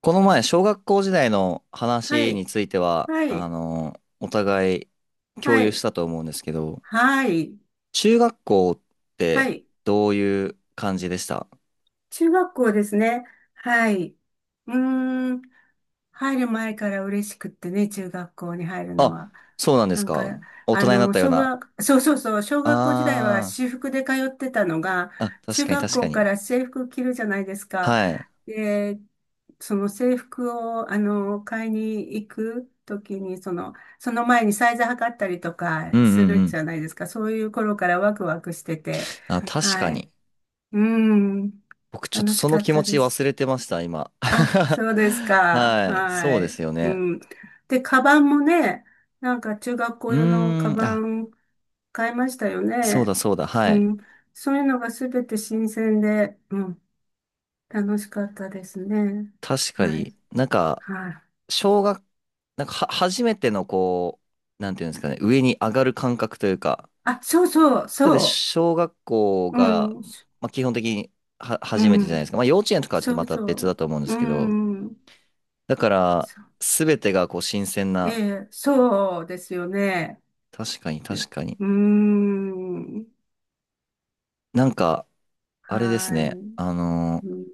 この前、小学校時代のは話にい、ついては、はあい、の、お互い共は有しい、たと思うんですけど、はい、中学校っはてい。どういう感じでした？中学校ですね。はい。うーん。入る前から嬉しくってね、中学校に入るのあ、は。そうなんでなすんか。か、大人になったよう小な。学、そうそうそう、小学校時代はあ私服で通ってたのが、ー、あ、確中かに学確か校かに。ら制服着るじゃないですか。はい。で、その制服を、買いに行くときに、その、その前にサイズ測ったりとかうんうすんうるじゃん。ないですか。そういう頃からワクワクしてて、あ、確かはい。に。うん。僕ちょっと楽しそのかっ気持たでちす。忘れてました、今。あ、そうです か。はい。そはうでい。すようね。ん。で、カバンもね、なんか中学う校用のカーん、バあ、ン買いましたよそうだね。そうだ。はうい。ん。そういうのがすべて新鮮で、うん。楽しかったですね。確かはい。になんか、はい。小学、なんかは、初めてのこう、なんていうんですかね、上に上がる感覚というか、あ、そうそう、だってそ小学校う。うが、ん。まあ、基本的にはう初めてじゃないでん。すか。まあ幼稚園とかはちょっとそまうた別そだと思うんでう。うすけど、ん。だから、そう。すべてがこう新鮮えな、え、そうですよね。確かにいやう確かに。ーん。なんか、あれですはい。ね、うん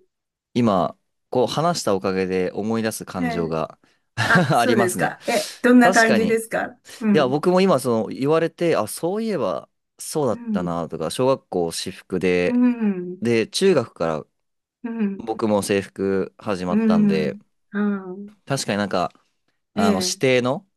今、こう話したおかげで思い出すえ感情え。が あ、あそりうまですすね。か。え、どんな確感かじに、ですか？ういや、ん。僕も今、その、言われて、あ、そういえば、そうだうったん。な、とか、小学校私服うで、ん。で、中学からうん。僕も制服始まうったんで、ん。うん確かになんか、えあの、指え。定の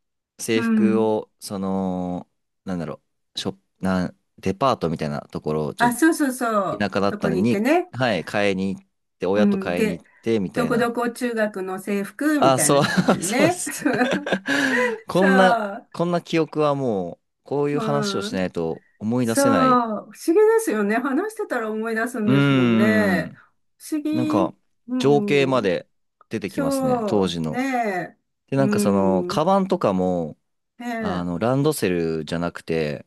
う制服ん。を、その、なんだろう、ショップ、なん、デパートみたいなところ、ちょっあ、とそうそうそう。田舎だっそたこのに行ってに、ね。はい、買いに行って、う親とん。買いに行で、って、みたどいこどな。こ中学の制服みあ、たいそなう、感じ でそうでね。す。そう そこんな、う。こんな記憶はもう、こういう話をうしなん。いと思い出そせない。う。不思議ですよね。話してたら思い出すんうーですもんね。ん。不思なん議。か、う情景まん。で出てきますね、そ当う。時ねの。え。で、うなんかその、ん。ねカバンとかも、あえ。の、ランドセルじゃなくて、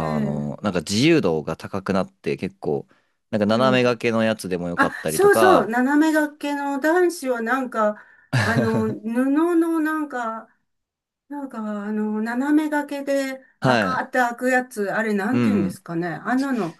ええ、の、なんか自由度が高くなって、結構、なんかう斜め掛ん。けのやつでもよかあ、ったりとそうそう、か、斜め掛けの男子はなんか、布 のなんか、なんか、斜め掛けでバはカーい。って開くやつ、あれなうんて言うんですん。かね。あんなの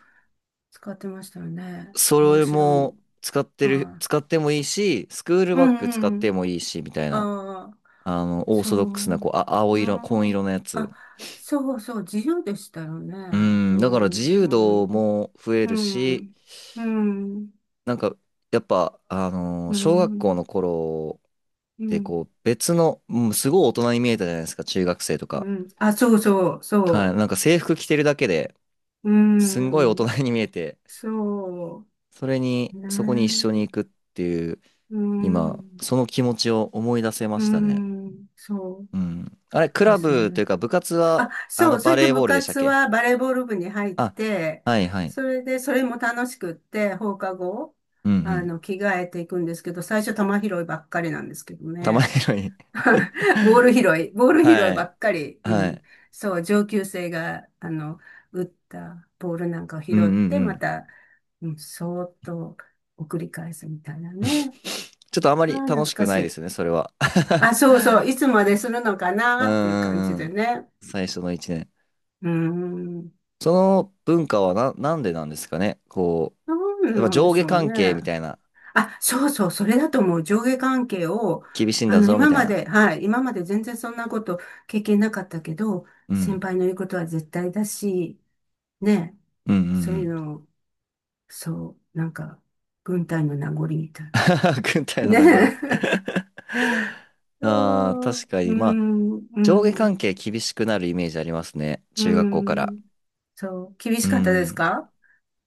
使ってましたよね。そ面れ白いの。も使ってる、は使ってもいいし、スクールい。うバッグ使んっうてん。もいいし、みたいな。ああ、あの、オーそソドックスな、う。こう、あ、青う色、紺色ん。のやつ。あ、そうそう、自由でしたよね。ううん、だから自ん、由う度ん、も増えうるし、ん、うん、なんか、やっぱ、う小学校のん、頃うってこん。う、別の、うん、すごい大人に見えたじゃないですか、中学生とか。うん。あ、そうそう、はい、そなんか制服着てるだけで、う。うすんごい大ん。人に見えて、そそれに、うそこに一緒ね。に行くっていう、う今、ん。その気持ちを思い出せまうしたね。ん。そううん。あれ、クでラすブというね。か部活あ、は、あその、う。そバれでレー部ボールでしたっ活け？はバレーボール部に入っあ、て、はいはい。それで、それも楽しくって、放課後、うんうん。着替えていくんですけど、最初球拾いばっかりなんですけど玉ね。拾い。ボール拾い、ボー ル拾いはばい。っかり。うはん。い。そう、上級生が、打ったボールなんかをうん拾っうんて、うまん。た、うん、そーっと送り返すみたいなね。ちょっとあまありあ、懐楽しかくしないでい。すね、それは。あ、そうそう、いつまでするのかうなっていう感んじうんうでん。ね。最初の1年。うーん、その文化はな、なんでなんですかね。こなう、やんっぱなんで上し下ょう関係みたね。いな、あ、そうそう、それだと思う。上下関係を、厳しいんだぞ、み今たいまで、な。はい、今まで全然そんなこと経験なかったけど、う先ん。輩の言うことは絶対だし、ね、うんうんそうういうん。の、そう、なんか、軍隊の名残みたいな。軍隊のね名残。え。ああ、そう、確かうに。まあ、ん、う上下ん。関係厳しくなるイメージありますね。う中学校から。ん。そう、厳しうかったですん。か？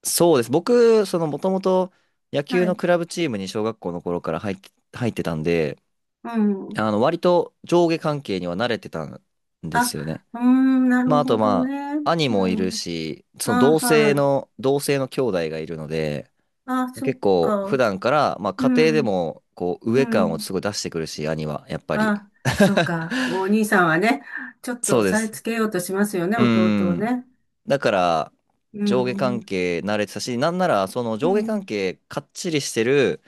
そうです。僕、その、もともと野球はのい。クラブチームに小学校の頃から入ってたんで、うん。あの、割と上下関係には慣れてたんであ、すよね。うーん、なまあ、るあとほどまね。あ、兄うもいるん。し、あ、はい。同性の兄弟がいるので、あ、そっ結構普か。段から、まあ、う家庭でん、も、こう、う上感をん。すごい出してくるし、兄は、やっぱり。あ、そう か。お兄さんはね、ちょっとそうで押さえす。つけようとしますよね、う弟をん。ね。だから、う上下関ん、係慣れてたし、なんなら、そのう上下関ん、係かっちりしてる、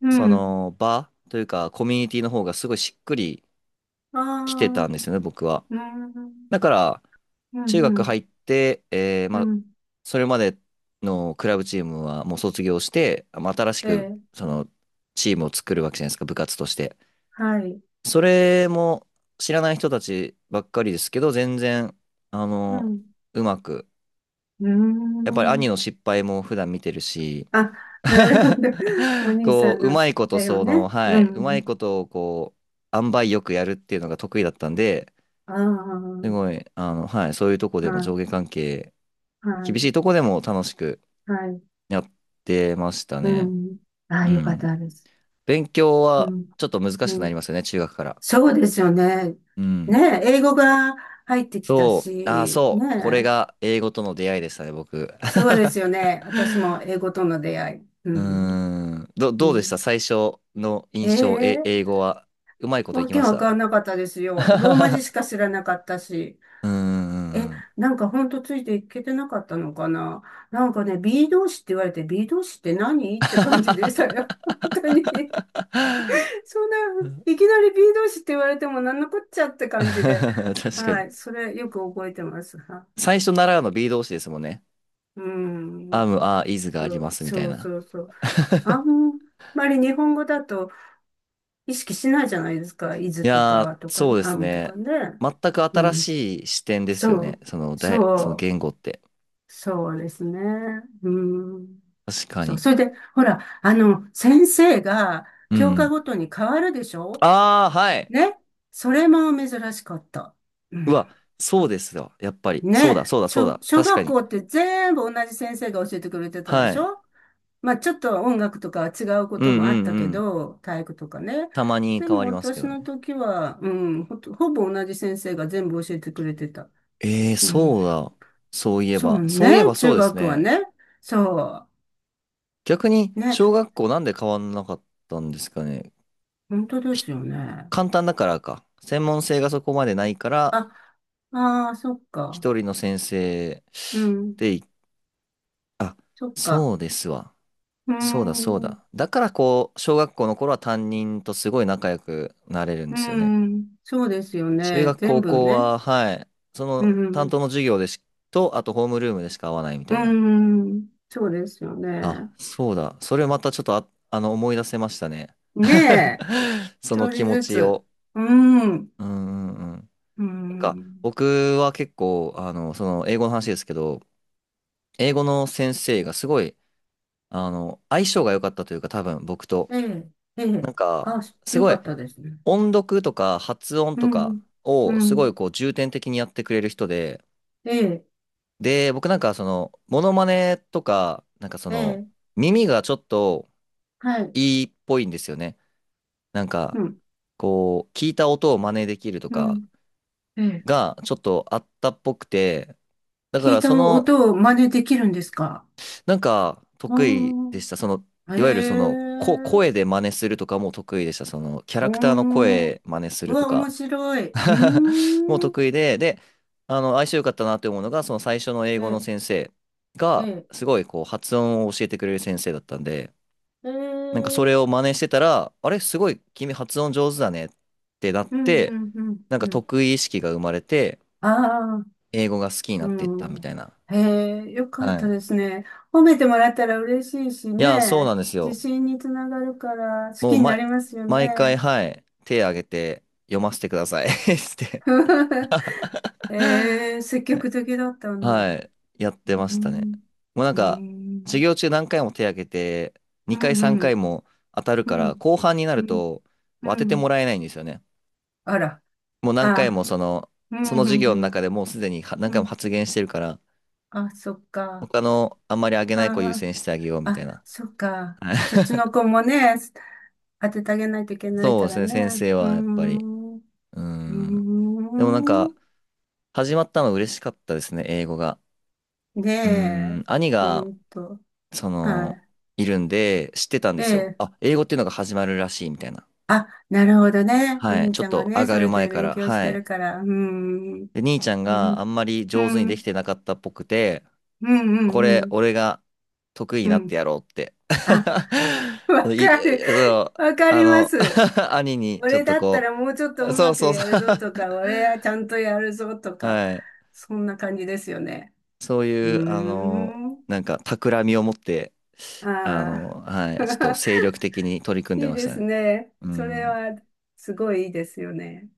うそん。の場というか、コミュニティの方がすごいしっくりああ、きてうたんでん、すよね、僕は。うん、だから、う中学入ん、って、うまあ、ん。それまでのクラブチームはもう卒業して、まあ新しえく、え、その、チームを作るわけじゃないですか、部活として。はい。それも知らない人たちばっかりですけど、全然、あうの、ん、うまく、うーやっぱり兄ん。の失敗も普段見てるし、あ、なるほど。お 兄さこんう、うのまそいことれよそね。の、はうい、うまいん。ことをこう、塩梅よくやるっていうのが得意だったんで、ああ、すごい、あの、はい、そういうとこではも上い、下関係、は厳しい、いとこでも楽しくはい。やってましたうね。ん。あうあ、よかっん。たです。勉強うはん、ちょっと難しくうなりん。ますよね、中学から。そうですよね。うん。ねえ、英語が入ってきたそう、ああ、し、そう、これねえ。が英語との出会いでしたね、僕。そう ですよね。私も英語との出会い。ううーん、ん。うどうでしん。た最初のえ印象、え、え、英語は。うまいこといわきけましわかた？ んなかったですよ。ローマ 字しか知らなかったし。うーえ、ん。なんかほんとついていけてなかったのかな、なんかね、B 同士って言われて、B 同士って何って感じでしたよ。本当に。そんな、いきなり B 同士って言われてもなんのこっちゃって感じで。確かはに。い。それよく覚えてます。は最初習うの B 動詞ですもんね。うアん。ム、アー、イズがそありまう、すみたいそうな。そうそう。あ んまり日本語だと意識しないじゃないですか。イズいとやー、か、とか、アそうですムとかね。ね。全くう新ん。しい視点ですよそね。う。そのそう。言語って。そうですね。うん。確かそう、に。それで、ほら、先生がうんう教科ん。ごとに変わるでしょ？あー、はい。ね。それも珍しかった。ううん。わ、そうですよ。やっぱり。そうだ、ね。そうだ、そう小、だ。小確か学に。校って全部同じ先生が教えてくれてたではしい。ょ？まあ、ちょっと音楽とかは違うこうとんうもあっんたけうん。ど、体育とかね。たまにで変わもりますけ私どね。の時は、うん、ほぼ同じ先生が全部教えてくれてた。えー、うん。そうだ。そういえそば。うそういえね。ばそ中うです学はね。ね。そ逆に、う。ね。小学校なんで変わんなかったんですかね。本当でひすよね。簡単だからか。専門性がそこまでないかあ、ら、ああ、そっか。一人の先生うん。でい、そっそか。うですわ。うーそうだそうん。だ。だからこう、小学校の頃は担任とすごい仲良くなれるんうーですよね。ん。そうですよ中ね。学全高部校ね。は、はい、そうの担ん。当の授業でし、と、あとホームルームでしか会わないみたうーいな。ん。そうですよあ、ね。そうだ。それまたちょっと思い出せましたね。ねえ。その一気人持ずちつ。を。うーん。うんうんうん。うーなんか、ん。僕は結構、あの、その、英語の話ですけど、英語の先生がすごい、あの、相性が良かったというか、多分僕と。ええ。えなえ。んか、あ、すよごかいったですね。音読とか発音うとかん。をうすごいん。こう重点的にやってくれる人で、ええ。で、僕なんかその、モノマネとか、なんかそえの、え。耳がちょっとはい。いいっぽいんですよね。なんうか、ん。こう、聞いた音を真似できるとうかん。ええ。がちょっとあったっぽくて、だか聞いらたその音を真似できるんですか？なんかう得意でした。ー。その、いわゆるそへの、声え。で真似するとかも得意でした。その、キャおラクターのー。声真似すうるとわ、面か 白い。うー もん。得意で、で、あの、相性良かったなって思うのが、その最初の英え語のえ、先生えが、え。すごいこう、発音を教えてくれる先生だったんで、なんかええそれを真似してたら、あれ、すごい君発音上手だねってなっうん、て、うん、うん、なんかうん。得意意識が生まれて、ああ、英語が好きになうっていったみん。たいな。へえ、よかはったい。ですね。褒めてもらったら嬉しいしいや、そうなね。んです自よ。信につながるから好もう、きになりますよ毎回、ね。はい、手挙げて読ませてください して、 ええ、積極的だったんだ。うはい、やっーてましたね。ん、もうなんうーか、授ん、業中何回も手挙げて、う2回3ん、う回ん、も当たるうから、ん、後半になうるん。とこうう当ててもんらえないんですよね。あら、もう何回あ、もその、うそん、のう授ん、業のう中ん。でもうすでには何う回もん発言してるから、あ、そっか。他のあんまり挙げないあ子優先してあげようあ、みたいあ、な。そっか。はい そっちの子もね、当ててあげないといけないそうかでらすね、ね。先生うーはやっぱり。ん。ううーーん。でもなんか、ん。始まったの嬉しかったですね、英語が。ねうーえ。ん、兄ほが、んと。その、はいるんで、知ってたんい。でえすよ。え。あ、英語っていうのが始まるらしい、みたいな。あ、なるほどね。おはい。兄ちょちっゃんがと上ね、がそるれ前でか勉ら。強しはてい。るから。うーん。で、兄ちゃんうがあん。んまりう上手にできん。てなかったっぽくて、うん。うこん。うれ、ん。俺が得意にうなってんやろうって。あ、そわう、かいる。そう、わかありまの、す。兄にちょっ俺とだったこらもうちょっとうう、そうまくそうやそるう ぞとか、俺はちゃんとやるぞと か、はい。そんな感じですよね。そううーいう、あの、ん。なんか、企みを持って、あの、あはあ。い。ちょっと精 力的に取り組んでいいましでたすね。ね。うそれん。はすごいいいですよね。